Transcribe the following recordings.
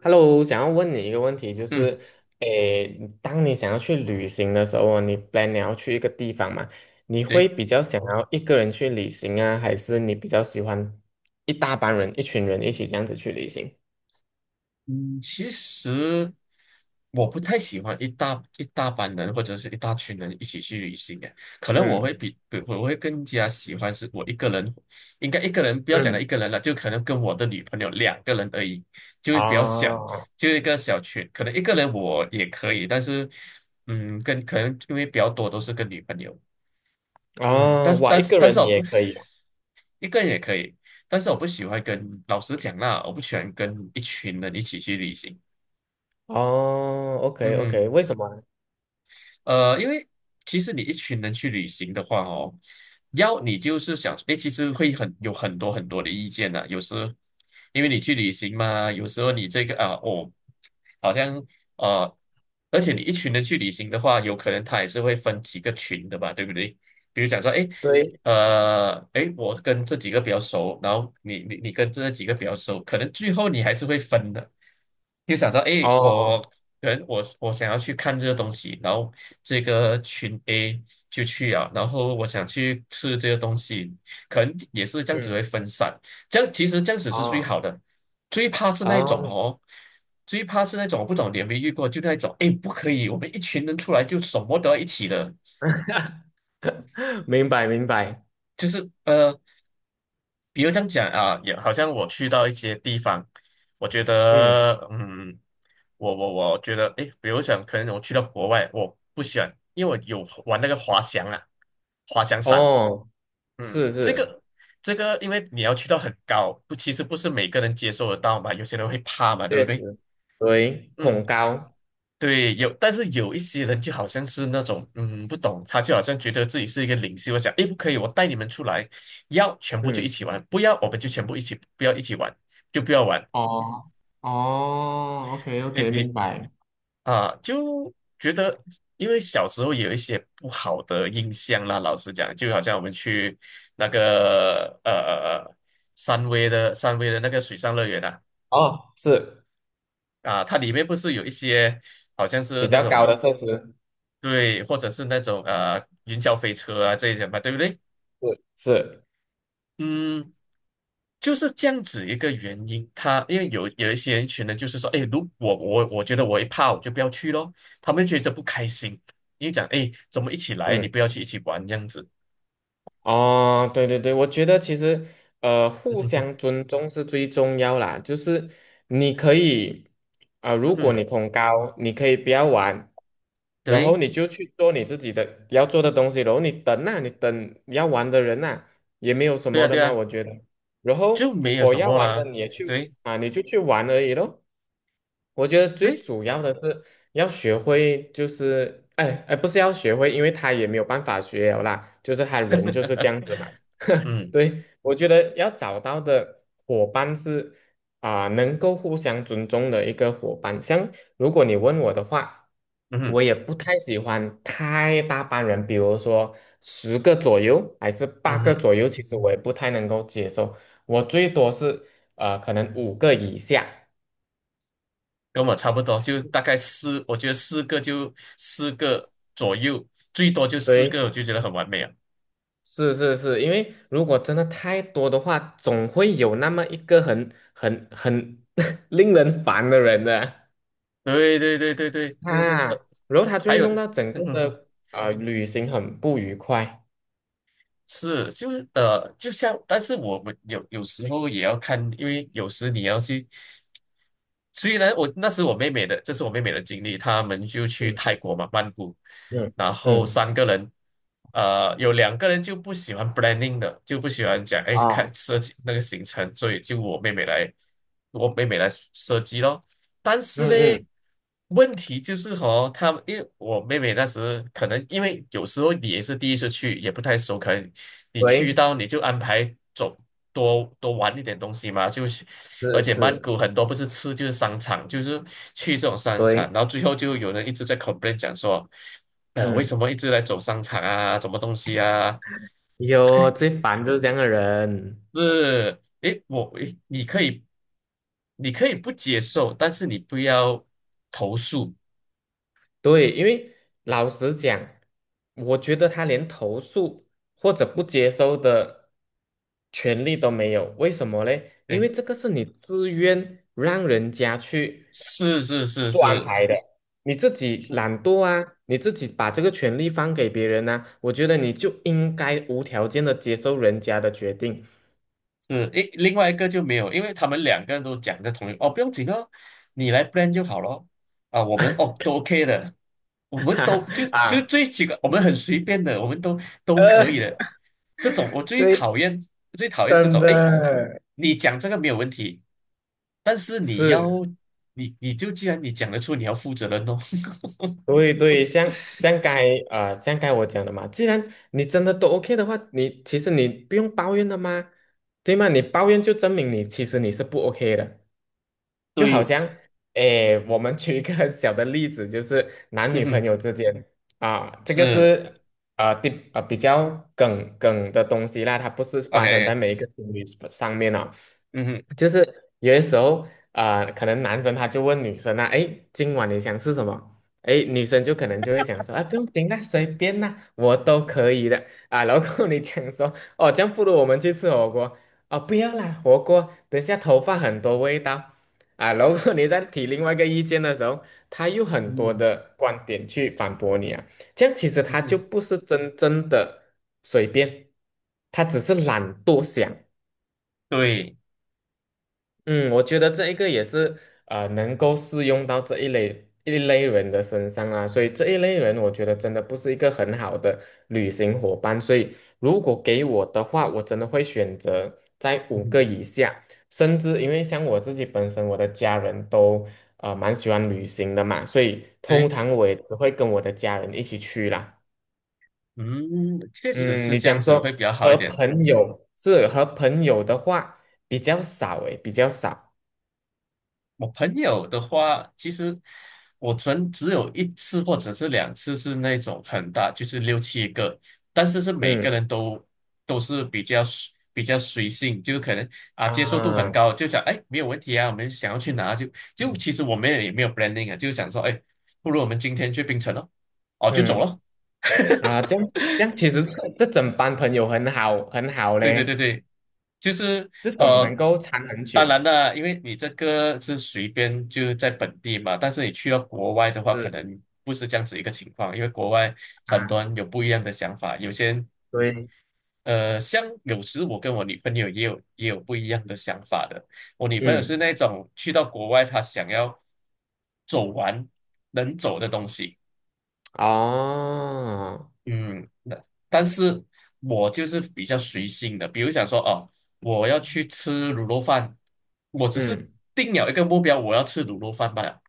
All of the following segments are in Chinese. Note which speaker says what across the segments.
Speaker 1: Hello,想要问你一个问题，就
Speaker 2: 嗯，
Speaker 1: 是，诶，当你想要去旅行的时候哦，你 plan 你要去一个地方嘛，你
Speaker 2: 对，
Speaker 1: 会比较想要一个人去旅行啊，还是你比较喜欢一大帮人、一群人一起这样子去旅行？
Speaker 2: 嗯，其实我不太喜欢一大班人或者是一大群人一起去旅行诶，可能我会
Speaker 1: 嗯
Speaker 2: 比我会更加喜欢是我一个人，应该一个人不要讲到一
Speaker 1: 嗯，
Speaker 2: 个人了，就可能跟我的女朋友两个人而已，就是比较小，
Speaker 1: 啊
Speaker 2: 就一个小群，可能一个人我也可以，但是，跟可能因为比较多都是跟女朋友，嗯，
Speaker 1: 啊，
Speaker 2: 但是
Speaker 1: 哇，
Speaker 2: 但
Speaker 1: 一
Speaker 2: 是
Speaker 1: 个
Speaker 2: 但是
Speaker 1: 人你
Speaker 2: 我不
Speaker 1: 也可以哦。
Speaker 2: 一个人也可以，但是我不喜欢跟老师讲啦，我不喜欢跟一群人一起去旅行。
Speaker 1: 哦，OK
Speaker 2: 嗯哼
Speaker 1: OK，为什么呢？
Speaker 2: 呃，因为其实你一群人去旅行的话哦，要你就是想，诶，其实会很有很多很多的意见呐、有时因为你去旅行嘛，有时候你这个啊，哦，好像呃，而且你一群人去旅行的话，有可能他也是会分几个群的吧，对不对？比如讲说，诶，
Speaker 1: 对，
Speaker 2: 诶，我跟这几个比较熟，然后你跟这几个比较熟，可能最后你还是会分的。就想到，诶，我
Speaker 1: 哦，
Speaker 2: 可能我想要去看这个东西，然后这个群 A 就去啊，然后我想去吃这个东西，可能也是这样子
Speaker 1: 嗯，
Speaker 2: 会分散，这样其实这样子是最
Speaker 1: 哦
Speaker 2: 好的，最怕是那一种
Speaker 1: 哦，
Speaker 2: 哦，最怕是那种我不懂你有没有遇过，就那一种，诶，不可以，我们一群人出来就什么都要一起的，
Speaker 1: 明白明白，
Speaker 2: 就是比如这样讲啊，也好像我去到一些地方，我觉
Speaker 1: 嗯，
Speaker 2: 得，我觉得，诶，比如讲，可能我去到国外，我不喜欢，因为我有玩那个滑翔啊，滑翔伞，
Speaker 1: 哦，
Speaker 2: 嗯，
Speaker 1: 是
Speaker 2: 这
Speaker 1: 是。
Speaker 2: 个这个，因为你要去到很高，不，其实不是每个人接受得到嘛，有些人会怕嘛，对不
Speaker 1: 确
Speaker 2: 对？
Speaker 1: 实，对，
Speaker 2: 嗯，
Speaker 1: 恐高，
Speaker 2: 对，有，但是有一些人就好像是那种，不懂，他就好像觉得自己是一个领袖，我想，诶，不可以，我带你们出来，要全部就一
Speaker 1: 嗯，
Speaker 2: 起玩，不要我们就全部一起，不要一起玩，就不要玩。
Speaker 1: 哦哦，OK
Speaker 2: 诶，
Speaker 1: OK，
Speaker 2: 你
Speaker 1: 明白。
Speaker 2: 啊，就觉得，因为小时候有一些不好的印象啦，老实讲，就好像我们去那个三威的那个水上乐园啊，
Speaker 1: 哦，是
Speaker 2: 啊，它里面不是有一些好像是
Speaker 1: 比
Speaker 2: 那
Speaker 1: 较高
Speaker 2: 种
Speaker 1: 的设施，
Speaker 2: 对，或者是那种云霄飞车啊这一些嘛，对不对？
Speaker 1: 是是，
Speaker 2: 嗯，就是这样子一个原因。他因为有一些人群呢，就是说，哎，如果我觉得我一怕，我就不要去咯。他们觉得不开心，因为讲，哎，怎么一起来，你
Speaker 1: 嗯。
Speaker 2: 不要去一起玩这样子。
Speaker 1: 哦，对对对，我觉得其实
Speaker 2: 嗯
Speaker 1: 互
Speaker 2: 哼哼，
Speaker 1: 相尊重是最重要啦。就是你可以啊、
Speaker 2: 嗯
Speaker 1: 如果
Speaker 2: 哼，
Speaker 1: 你恐高，你可以不要玩，然后
Speaker 2: 对，
Speaker 1: 你就去做你自己的要做的东西，然后你等啊，你等要玩的人呐、也没有什
Speaker 2: 对
Speaker 1: 么
Speaker 2: 啊，
Speaker 1: 的
Speaker 2: 对
Speaker 1: 嘛，
Speaker 2: 啊，
Speaker 1: 我觉得。然后
Speaker 2: 就没有
Speaker 1: 否
Speaker 2: 什
Speaker 1: 要
Speaker 2: 么
Speaker 1: 玩的
Speaker 2: 啦。
Speaker 1: 你也去
Speaker 2: 对，
Speaker 1: 啊，你就去玩而已咯。我觉得最
Speaker 2: 对，
Speaker 1: 主要的是要学会，就是哎哎，不是要学会，因为他也没有办法学了啦，就是他人就是这样子嘛。
Speaker 2: 嗯，
Speaker 1: 对，我觉得要找到的伙伴是啊、能够互相尊重的一个伙伴。像如果你问我的话，
Speaker 2: 嗯哼，
Speaker 1: 我也不太喜欢太大班人，比如说10个左右还是八
Speaker 2: 嗯
Speaker 1: 个
Speaker 2: 哼。
Speaker 1: 左右，其实我也不太能够接受。我最多是可能五个以下。
Speaker 2: 跟我差不多，就大概四，我觉得四个就四个左右，最多就四
Speaker 1: 对，
Speaker 2: 个，我就觉得很完美啊！
Speaker 1: 是是是，因为如果真的太多的话，总会有那么一个很 令人烦的人的
Speaker 2: 对对对对对，
Speaker 1: 嗯
Speaker 2: 呃，
Speaker 1: 啊，然后他就
Speaker 2: 还
Speaker 1: 会
Speaker 2: 有，
Speaker 1: 弄到整个
Speaker 2: 嗯
Speaker 1: 的旅行很不愉快。
Speaker 2: 是，就是就像，但是我们有时候也要看，因为有时你要去。所以呢，我那时我妹妹的，这是我妹妹的经历。他们就去
Speaker 1: 嗯
Speaker 2: 泰国嘛，曼谷，
Speaker 1: 嗯
Speaker 2: 然后
Speaker 1: 嗯
Speaker 2: 三个人，有两个人就不喜欢 blanding 的，就不喜欢讲，哎，
Speaker 1: 哦，
Speaker 2: 看设计那个行程，所以就我妹妹来设计咯。但是
Speaker 1: 嗯
Speaker 2: 嘞。
Speaker 1: 嗯，
Speaker 2: 问题就是和他们因为我妹妹那时可能因为有时候你也是第一次去，也不太熟，可能你去
Speaker 1: 对，
Speaker 2: 到你就安排走多多玩一点东西嘛，就是，
Speaker 1: 是
Speaker 2: 而且曼
Speaker 1: 是，
Speaker 2: 谷很多不是吃就是商场，就是去这种商
Speaker 1: 对，
Speaker 2: 场，然后最后就有人一直在 complain 讲说，为什
Speaker 1: 嗯，
Speaker 2: 么一直来走商场啊，什么东西啊？
Speaker 1: 有 最烦就是这样的人。
Speaker 2: 是，诶，你可以不接受，但是你不要投诉。
Speaker 1: 对，因为老实讲，我觉得他连投诉或者不接收的权利都没有。为什么嘞？因
Speaker 2: 对。
Speaker 1: 为这个是你自愿让人家去
Speaker 2: 是是是
Speaker 1: 做安
Speaker 2: 是，
Speaker 1: 排的，你自己
Speaker 2: 是
Speaker 1: 懒惰啊，你自己把这个权利放给别人呢、我觉得你就应该无条件的接受人家的决定，
Speaker 2: 是，诶，另外一个就没有，因为他们两个人都讲在同一哦，不用紧哦，你来 plan 就好咯。啊，我们哦都 OK 的，我 们
Speaker 1: 哈
Speaker 2: 都
Speaker 1: 哈
Speaker 2: 就
Speaker 1: 啊，
Speaker 2: 最几个，我们很随便的，我们都可以
Speaker 1: 呃，
Speaker 2: 的。这种我最
Speaker 1: 所以
Speaker 2: 讨厌，最讨厌这
Speaker 1: 真
Speaker 2: 种。诶，
Speaker 1: 的
Speaker 2: 你讲这个没有问题，但是你要
Speaker 1: 是。
Speaker 2: 你就既然你讲得出，你要负责任哦。
Speaker 1: 对对，像该我讲的嘛，既然你真的都 OK 的话，你其实你不用抱怨的嘛，对吗？你抱怨就证明你其实你是不 OK 的，就好
Speaker 2: 对，
Speaker 1: 像诶，我们举一个 小的例子，就是男
Speaker 2: 嗯
Speaker 1: 女朋
Speaker 2: 哼，
Speaker 1: 友之间啊，这个
Speaker 2: 是
Speaker 1: 是呃第呃比较梗梗的东西啦，它不是发生在
Speaker 2: OK,
Speaker 1: 每一个情侣上面啊。
Speaker 2: 嗯哼，
Speaker 1: 就是有些时候啊、可能男生他就问女生啊，哎，今晚你想吃什么？哎，女生就可能就会讲说，啊，不用紧啦，随便啦，我都可以的啊。然后你讲说，哦，这样不如我们去吃火锅哦，不要啦，火锅等下头发很多味道啊。然后你再提另外一个意见的时候，他又很多
Speaker 2: 嗯
Speaker 1: 的观点去反驳你啊。这样其实
Speaker 2: 嗯
Speaker 1: 他就
Speaker 2: 哼，
Speaker 1: 不是真正的随便，他只是懒惰想。
Speaker 2: 对，
Speaker 1: 嗯，我觉得这一个也是能够适用到这一类一类人的身上啊，所以这一类人，我觉得真的不是一个很好的旅行伙伴。所以如果给我的话，我真的会选择在
Speaker 2: 嗯
Speaker 1: 五个
Speaker 2: 哼，
Speaker 1: 以下，甚至因为像我自己本身，我的家人都蛮喜欢旅行的嘛，所以通
Speaker 2: 对。
Speaker 1: 常我也只会跟我的家人一起去啦。
Speaker 2: 嗯，确实
Speaker 1: 嗯，
Speaker 2: 是
Speaker 1: 你
Speaker 2: 这样
Speaker 1: 讲
Speaker 2: 子会
Speaker 1: 说
Speaker 2: 比较好一点。
Speaker 1: 和朋友的话比较少诶，比较少，
Speaker 2: 我朋友的话，其实我曾只有一次或者是两次是那种很大，就是六七个，但是是每个
Speaker 1: 嗯。
Speaker 2: 人都是比较随性，就是可能啊接受度很
Speaker 1: 啊，
Speaker 2: 高，就想哎没有问题啊，我们想要去哪就
Speaker 1: 嗯
Speaker 2: 其实我们也没有 planning 啊，就想说哎，不如我们今天去槟城咯，哦就走了。
Speaker 1: 嗯啊，这样这样，其实这整班朋友很好很好
Speaker 2: 对对对
Speaker 1: 嘞，
Speaker 2: 对，就是
Speaker 1: 这种能
Speaker 2: 呃，
Speaker 1: 够缠很
Speaker 2: 当
Speaker 1: 久，
Speaker 2: 然啦，因为你这个是随便就在本地嘛，但是你去到国外的话，可
Speaker 1: 是
Speaker 2: 能不是这样子一个情况，因为国外很
Speaker 1: 啊，
Speaker 2: 多人有不一样的想法，有些人
Speaker 1: 对，
Speaker 2: 像有时我跟我女朋友也有不一样的想法的，我女朋友是
Speaker 1: 嗯，
Speaker 2: 那种去到国外，她想要走完能走的东西。
Speaker 1: 哦，
Speaker 2: 嗯，那但是我就是比较随性的，比如想说哦，我要去吃卤肉饭，我只是
Speaker 1: 嗯，
Speaker 2: 定了一个目标，我要吃卤肉饭罢了。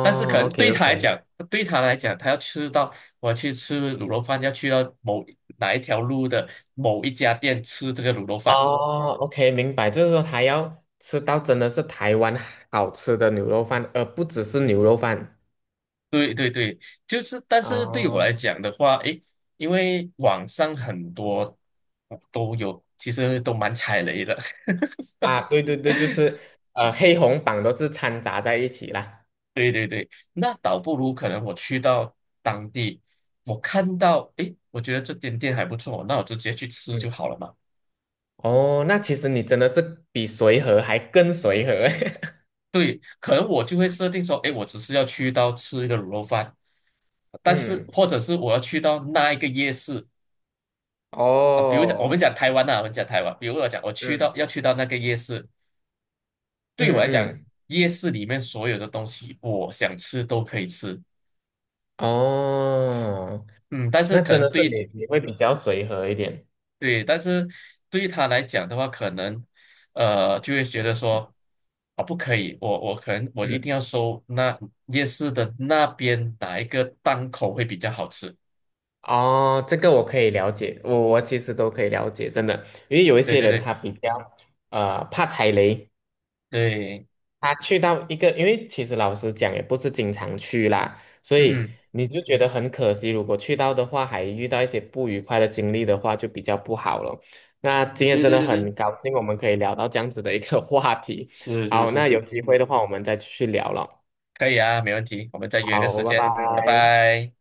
Speaker 2: 但是可能对
Speaker 1: ，OK
Speaker 2: 他来
Speaker 1: OK，
Speaker 2: 讲，对他来讲，他要吃到我要去吃卤肉饭，要去到哪一条路的某一家店吃这个卤肉饭。
Speaker 1: 哦，OK，明白，就是说他要吃到真的是台湾好吃的牛肉饭，而不只是牛肉饭。
Speaker 2: 对对对，就是，但是对我来
Speaker 1: 哦，
Speaker 2: 讲的话，诶，因为网上很多都有，其实都蛮踩雷的。
Speaker 1: 啊，对对对，就是黑红榜都是掺杂在一起啦。
Speaker 2: 对对对，那倒不如可能我去到当地，我看到，诶，我觉得这间店还不错，那我就直接去吃就
Speaker 1: 嗯。
Speaker 2: 好了嘛。
Speaker 1: 哦，那其实你真的是比随和还更随和。
Speaker 2: 对，可能我就会设定说，诶，我只是要去到吃一个卤肉饭，但是
Speaker 1: 嗯，
Speaker 2: 或者是我要去到那一个夜市啊，比如讲
Speaker 1: 哦，
Speaker 2: 我们讲台湾，比如我讲我去到
Speaker 1: 嗯
Speaker 2: 要去到那个夜市，对我
Speaker 1: 嗯
Speaker 2: 来讲，
Speaker 1: 嗯，
Speaker 2: 夜市里面所有的东西我想吃都可以吃，
Speaker 1: 哦，
Speaker 2: 嗯，但是
Speaker 1: 那
Speaker 2: 可
Speaker 1: 真的
Speaker 2: 能
Speaker 1: 是
Speaker 2: 对
Speaker 1: 你你会比较随和一点。
Speaker 2: 对，但是对于他来讲的话，可能就会觉得说啊，不可以，我可能我一
Speaker 1: 嗯，
Speaker 2: 定要收那夜市的那边哪一个档口会比较好吃。
Speaker 1: 哦，这个我可以了解，我我其实都可以了解，真的，因为有一
Speaker 2: 对
Speaker 1: 些
Speaker 2: 对
Speaker 1: 人
Speaker 2: 对
Speaker 1: 他比较怕踩雷，
Speaker 2: 对，
Speaker 1: 他去到一个，因为其实老实讲也不是经常去啦，所
Speaker 2: 嗯
Speaker 1: 以
Speaker 2: 哼，
Speaker 1: 你就觉得很可惜。如果去到的话，还遇到一些不愉快的经历的话，就比较不好了。那今天
Speaker 2: 对
Speaker 1: 真
Speaker 2: 对
Speaker 1: 的
Speaker 2: 对对，
Speaker 1: 很高兴，我们可以聊到这样子的一个话题。
Speaker 2: 是是
Speaker 1: 好，
Speaker 2: 是
Speaker 1: 那有
Speaker 2: 是，
Speaker 1: 机会的话，我们再去聊了。
Speaker 2: 可以啊，没问题，我们再约个
Speaker 1: 好，
Speaker 2: 时
Speaker 1: 拜
Speaker 2: 间，拜
Speaker 1: 拜。
Speaker 2: 拜。